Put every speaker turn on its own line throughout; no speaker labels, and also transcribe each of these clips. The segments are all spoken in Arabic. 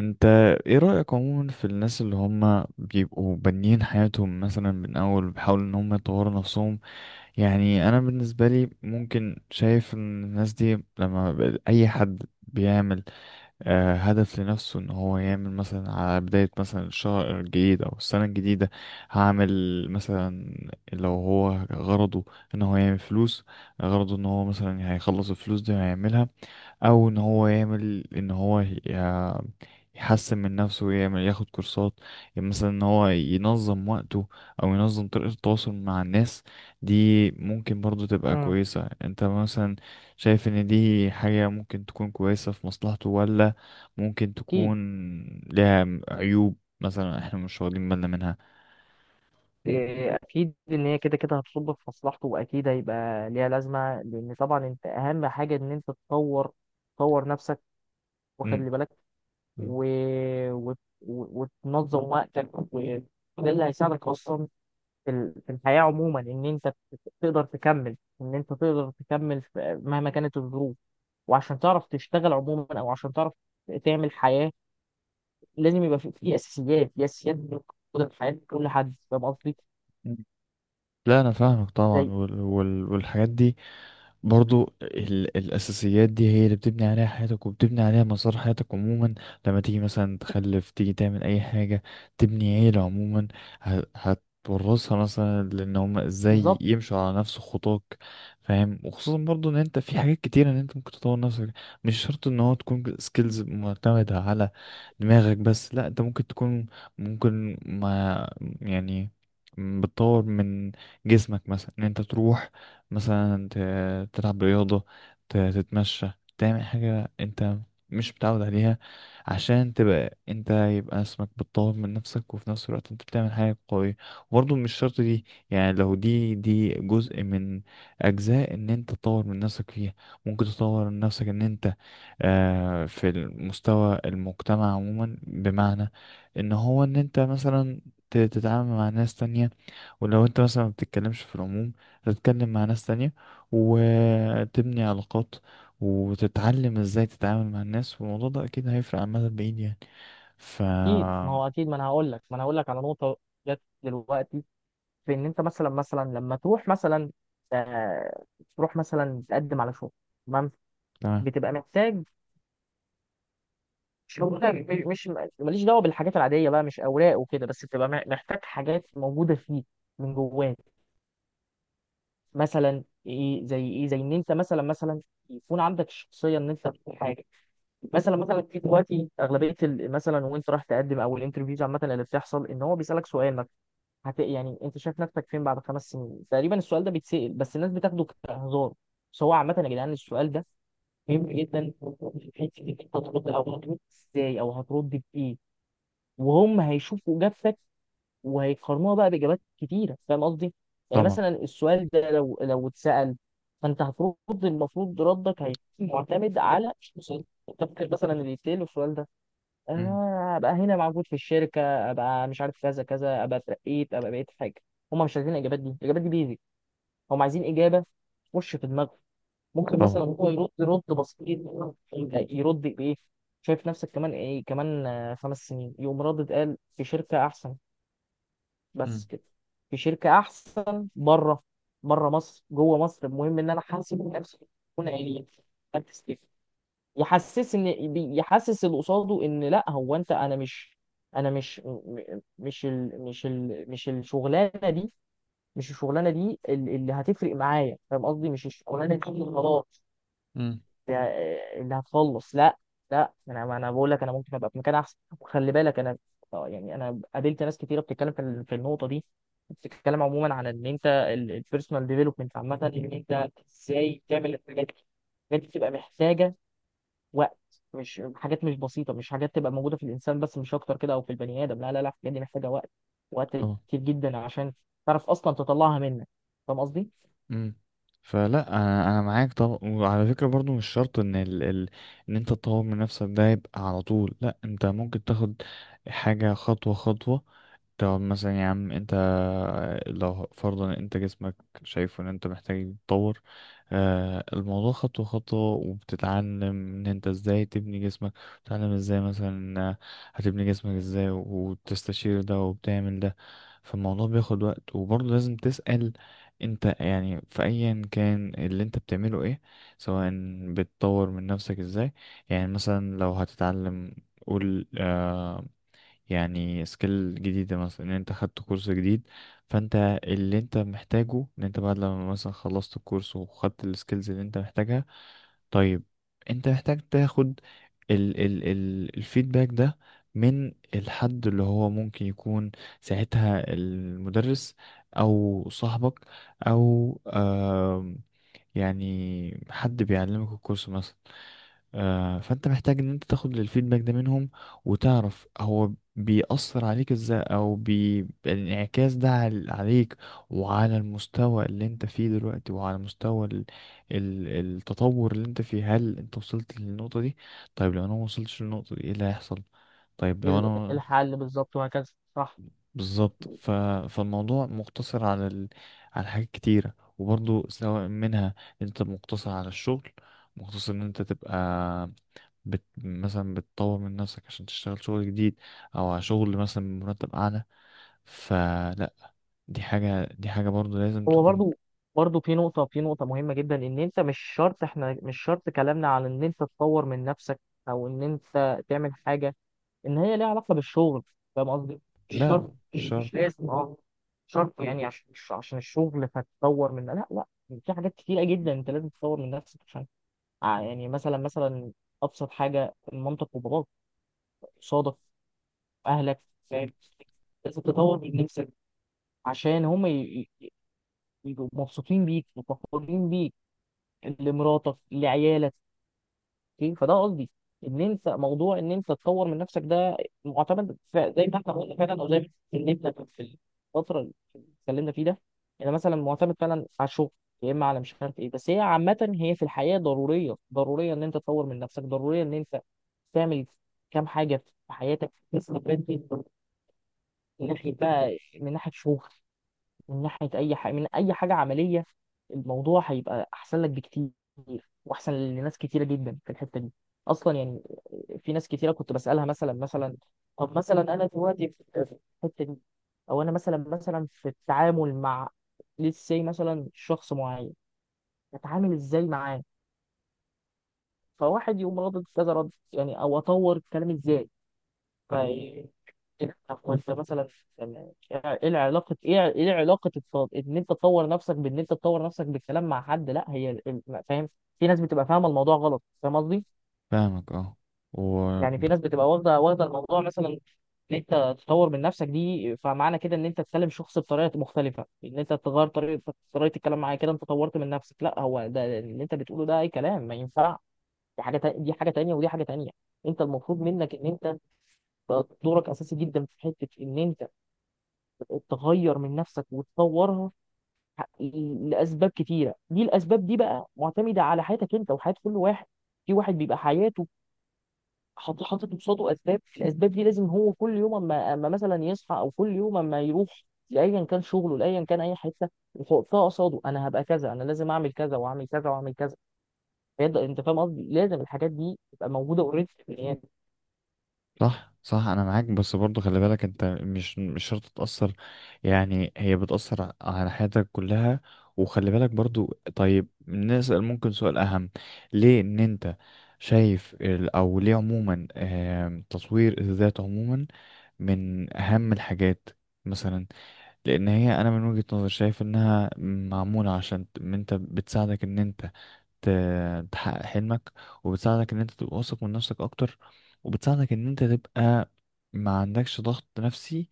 انت ايه رأيك عموما في الناس اللي هم بيبقوا بانيين حياتهم مثلا من اول بيحاولوا ان هم يطوروا نفسهم؟ يعني انا بالنسبة لي ممكن شايف ان الناس دي لما اي حد بيعمل هدف لنفسه، ان هو يعمل مثلا على بداية مثلا الشهر الجديد او السنة الجديدة. هعمل مثلا، لو هو غرضه ان هو يعمل فلوس، غرضه ان هو مثلا هيخلص الفلوس دي وهيعملها، او ان هو يعمل ان هو يحسن من نفسه ويعمل ياخد كورسات. يعني مثلا ان هو ينظم وقته او ينظم طريقة التواصل مع الناس، دي ممكن برضو تبقى
امم
كويسة. انت مثلا شايف ان دي حاجة ممكن تكون كويسة في مصلحته، ولا ممكن
اكيد.
تكون لها عيوب مثلا احنا مش واخدين بالنا منها؟
إيه، اكيد ان هي كده كده هتصب في مصلحته، واكيد هيبقى ليها لازمه، لان طبعا انت اهم حاجه ان انت تطور نفسك،
مم.
وخلي بالك، و... وتنظم وقتك، وده اللي هيساعدك اصلا في الحياه عموما، ان انت تقدر تكمل، مهما كانت الظروف، وعشان تعرف تشتغل عموما او عشان تعرف تعمل حياه. لازم يبقى في اساسيات، موجوده في حياه كل حد. فاهم قصدي؟
مم. لا، انا فاهمك طبعا،
زي
والحاجات دي برضو. الأساسيات دي هي اللي بتبني عليها حياتك، وبتبني عليها مسار حياتك عموما. لما تيجي مثلا تخلف، تيجي تعمل أي حاجة، تبني عيلة عموما، هتورثها مثلا، لأن هما ازاي
بالظبط.
يمشوا على نفس خطاك. فاهم. وخصوصا برضو إن أنت في حاجات كتيرة إن أنت ممكن تطور نفسك، مش شرط إن هو تكون سكيلز معتمدة على دماغك بس، لأ أنت ممكن تكون، ممكن ما يعني، بتطور من جسمك مثلا، ان انت تروح مثلا تلعب رياضة، تتمشى، تعمل حاجة انت مش متعود عليها، عشان تبقى انت يبقى اسمك بتطور من نفسك، وفي نفس الوقت انت بتعمل حاجة قوية. وبرضه مش شرط دي، يعني لو دي جزء من أجزاء ان انت تطور من نفسك فيها، ممكن تطور من نفسك ان انت في المستوى المجتمع عموما، بمعنى ان هو ان انت مثلا تتعامل مع ناس تانية. ولو انت مثلا ما بتتكلمش في العموم، تتكلم مع ناس تانية، وتبني علاقات، وتتعلم ازاي تتعامل مع الناس، والموضوع ده اكيد هيفرق عن المدى البعيد يعني ف...
اكيد، ما هو اكيد، ما انا هقول لك على نقطه جت دلوقتي، في ان انت مثلا لما تروح مثلا، آه تروح مثلا تقدم على شغل. تمام.
تمام.
بتبقى محتاج شغل. ماليش دعوه بالحاجات العاديه بقى، مش اوراق وكده، بس بتبقى محتاج حاجات موجوده فيك من جواك، مثلا ايه زي ان انت مثلا يكون عندك الشخصيه ان انت تكون حاجه. مثلا في دلوقتي، اغلبيه مثلا وانت رايح تقدم، او الانترفيوز عامه اللي بتحصل، ان هو بيسالك سؤال. يعني انت شايف نفسك فين بعد 5 سنين تقريبا. السؤال ده بيتسأل، بس الناس بتاخده كهزار. بس هو عامة يا جدعان، السؤال ده مهم جدا في حتة انك انت هترد، او هترد ازاي، او هترد بايه، وهم هيشوفوا اجابتك وهيقارنوها بقى باجابات كتيرة. فاهم قصدي؟ يعني
طبعا.
مثلا السؤال ده لو اتسأل، فانت هترد. المفروض ردك هيكون معتمد على، مش مثلا انت فاكر مثلا اللي يتسأل السؤال ده،
مم.
ابقى هنا موجود في الشركه، ابقى مش عارف كذا كذا، ابقى اترقيت، ابقى بقيت حاجه. هم مش عايزين الاجابات دي، الاجابات دي بيزك. هم عايزين اجابه تخش في دماغه. ممكن
طبعا.
مثلا هو يرد رد بسيط. يرد بايه؟ شايف نفسك كمان ايه كمان، 5 سنين. يقوم ردد، قال في شركه احسن. بس
مم.
كده. في شركه احسن، بره. بره مصر، جوه مصر، المهم ان انا حاسب نفسي اكون عيني، يحسس اللي قصاده ان لا، هو انت، انا مش مش ال مش الشغلانه دي اللي هتفرق معايا. فاهم قصدي؟ مش الشغلانه دي اللي خلاص،
مم.
اللي هتخلص. لا، لا انا ما انا بقول لك، انا ممكن ابقى في مكان احسن. وخلي بالك انا، يعني انا قابلت ناس كتيره بتتكلم في النقطه دي، بتتكلم عموما عن ان انت، البيرسونال ديفلوبمنت عامه، ان انت ازاي تعمل الحاجات دي. الحاجات دي بتبقى محتاجه وقت. مش حاجات مش بسيطة، مش حاجات تبقى موجودة في الإنسان بس مش أكتر كده، أو في البني آدم. لا لا لا، الحاجات دي محتاجة وقت، وقت
اه.
كتير جدا، عشان تعرف أصلا تطلعها منك. فاهم قصدي؟
امم. فلا، انا معاك طبعا، وعلى فكره برضو مش شرط ان ان انت تطور من نفسك ده يبقى على طول، لا انت ممكن تاخد حاجه خطوه خطوه. طب مثلا يا عم انت، لو فرضا انت جسمك شايف ان انت محتاج يتطور، الموضوع خطوة خطوة، وبتتعلم ان انت ازاي تبني جسمك، بتتعلم ازاي مثلا هتبني جسمك ازاي، وتستشير ده وبتعمل ده. فالموضوع بياخد وقت، وبرضه لازم تسأل انت، يعني في ايا كان اللي انت بتعمله، ايه سواء بتطور من نفسك ازاي؟ يعني مثلا لو هتتعلم، قول يعني سكيل جديدة مثلا، ان انت خدت كورس جديد، فانت اللي انت محتاجه ان انت بعد لما مثلا خلصت الكورس وخدت السكيلز اللي انت محتاجها. طيب، انت محتاج تاخد ال ال ال الفيدباك ده من الحد اللي هو ممكن يكون ساعتها المدرس، او صاحبك، او يعني حد بيعلمك الكورس مثلا. فانت محتاج ان انت تاخد الفيدباك ده منهم، وتعرف هو بيأثر عليك ازاي، او الانعكاس ده عليك، وعلى المستوى اللي انت فيه دلوقتي، وعلى مستوى ال... التطور اللي انت فيه، هل انت وصلت للنقطة دي؟ طيب لو انا ما وصلتش للنقطة دي، ايه اللي هيحصل؟ طيب لو انا
الحل بالظبط، وهكذا. صح.
بالظبط فالموضوع مقتصر على على حاجات كتيرة، وبرضو سواء منها، انت مقتصر على الشغل، مقتصر ان انت تبقى مثلا بتطور من نفسك عشان تشتغل شغل جديد، او على شغل مثلا بمرتب اعلى. فلا، دي حاجة، دي حاجة برضو لازم
هو
تكون.
برضو في نقطة مهمة جدا. إن أنت مش شرط، إحنا مش شرط كلامنا على إن أنت تطور من نفسك، أو إن أنت تعمل حاجة ان هي ليها علاقه بالشغل. فاهم قصدي؟ مش
لا، لا،
شرط،
مش
مش
شرط.
لازم، مش شرط، يعني عشان مش عشان الشغل، فتطور من. لا لا، في حاجات كتيره جدا انت لازم تطور من نفسك. عشان يعني مثلا ابسط حاجه، مامتك وباباك، صادف اهلك، فاهم؟ لازم تطور من نفسك عشان هم ي- يبقوا مبسوطين بيك وفخورين بيك، لمراتك، لعيالك. اوكي، فده قصدي، ان انت، موضوع ان انت تطور من نفسك ده، معتمد زي ما احنا قلنا فعلا، او زي ما اتكلمنا في الفتره اللي اتكلمنا فيه ده. انا مثلا معتمد فعلا على الشغل، يا اما على مش عارف ايه. بس هي عامه، هي في الحياه ضروريه، ضروريه ان انت تطور من نفسك، ضروريه ان انت تعمل كام حاجه في حياتك تستفاد بيها، من ناحيه بقى، من ناحيه شغل، من ناحية أي حاجة، من أي حاجة عملية. الموضوع هيبقى أحسن لك بكتير، وأحسن لناس كتيرة جدا في الحتة دي. أصلا يعني، في ناس كتيرة كنت بسألها مثلا، طب مثلا، أنا دلوقتي في الحتة دي، أو أنا مثلا في التعامل مع، لسه مثلا شخص معين، أتعامل إزاي معاه؟ فواحد يقوم رد كذا رد، يعني أو أطور الكلام إزاي؟ طب انت مثلا يعني ايه العلاقه؟ ايه علاقه ان انت تطور نفسك، بان انت تطور نفسك بالكلام مع حد؟ لا، هي فاهم، في ناس بتبقى فاهمه الموضوع غلط. فاهم قصدي؟
فاهمك، اه. و...
يعني في ناس بتبقى واخده الموضوع، مثلا ان انت تطور من نفسك دي، فمعنى كده ان انت تكلم شخص بطريقه مختلفه، ان انت تغير طريقه الكلام معاه، كده انت طورت من نفسك. لا، هو ده اللي انت بتقوله ده اي كلام، ما ينفع. دي حاجه تانيه، ودي حاجه تانيه. انت المفروض منك ان انت، دورك اساسي جدا في حته ان انت تغير من نفسك وتطورها، لاسباب كتيره. دي الاسباب دي بقى معتمده على حياتك انت وحياه كل واحد. في واحد بيبقى حياته حاطط قصاده اسباب، الاسباب دي لازم هو كل يوم، اما مثلا يصحى، او كل يوم اما يروح لايا كان شغله، لايا كان اي حته، يحطها قصاده، انا هبقى كذا، انا لازم اعمل كذا واعمل كذا واعمل كذا، فيبدا. انت فاهم قصدي؟ لازم الحاجات دي تبقى موجوده اوريدي في البني آدم.
صح، صح، انا معاك، بس برضو خلي بالك انت مش شرط تتأثر، يعني هي بتأثر على حياتك كلها. وخلي بالك برضو، طيب نسأل ممكن سؤال اهم، ليه ان انت شايف او ليه عموما تطوير الذات عموما من اهم الحاجات مثلا؟ لان هي انا من وجهة نظري شايف انها معمولة عشان إن انت، بتساعدك ان انت تحقق حلمك، وبتساعدك ان انت تبقى واثق من نفسك اكتر، وبتساعدك ان انت تبقى ما عندكش ضغط نفسي،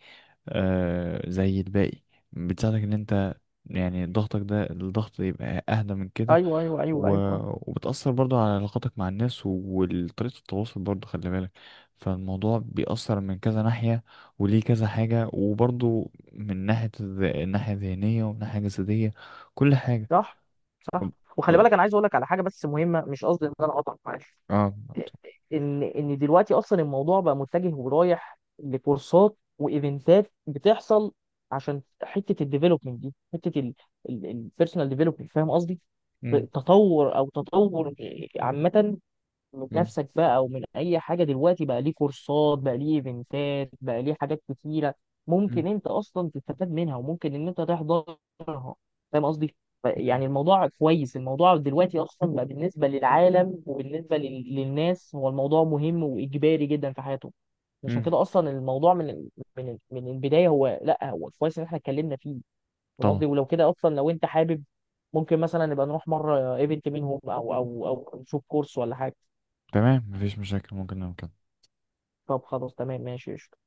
زي الباقي، بتساعدك ان انت يعني ضغطك ده الضغط يبقى اهدى من كده.
ايوه ايوه ايوه
و...
ايوه، آه.
وبتأثر برضو على علاقاتك مع الناس وطريقة التواصل، برضو خلي بالك، فالموضوع بيأثر من كذا ناحية، وليه كذا حاجة، وبرضو من ناحية الناحية الذهنية، ومن ناحية جسدية، كل حاجة.
صح،
أم-
صح. وخلي
أقول-
بالك، انا عايز اقول لك على حاجه بس مهمه. مش قصدي ان انا اقطعك، معلش.
اه.
ان دلوقتي اصلا الموضوع بقى متجه ورايح لكورسات وايفنتات بتحصل، عشان حته الديفلوبمنت دي، حته البيرسونال ديفلوبمنت. فاهم قصدي؟
مم.
تطور، او تطور عامه من
مم.
نفسك بقى، او من اي حاجه. دلوقتي بقى ليه كورسات، بقى ليه ايفنتات، بقى ليه حاجات كتيره، ممكن
مم.
انت اصلا تستفاد منها، وممكن ان انت تحضرها. فاهم قصدي؟
مم.
يعني الموضوع كويس. الموضوع دلوقتي اصلا بقى بالنسبه للعالم وبالنسبه للناس، هو الموضوع مهم وايجباري جدا في حياتهم. عشان
مم.
كده اصلا الموضوع من البدايه. هو لا، هو كويس ان احنا اتكلمنا فيه. فاهم
طبعا.
قصدي؟ ولو كده اصلا، لو انت حابب، ممكن مثلا نبقى نروح مره ايفنت منهم، او نشوف كورس ولا حاجه.
تمام، مفيش مشاكل، ممكن نعمل كده.
طب خلاص، تمام، ماشي، قشطة.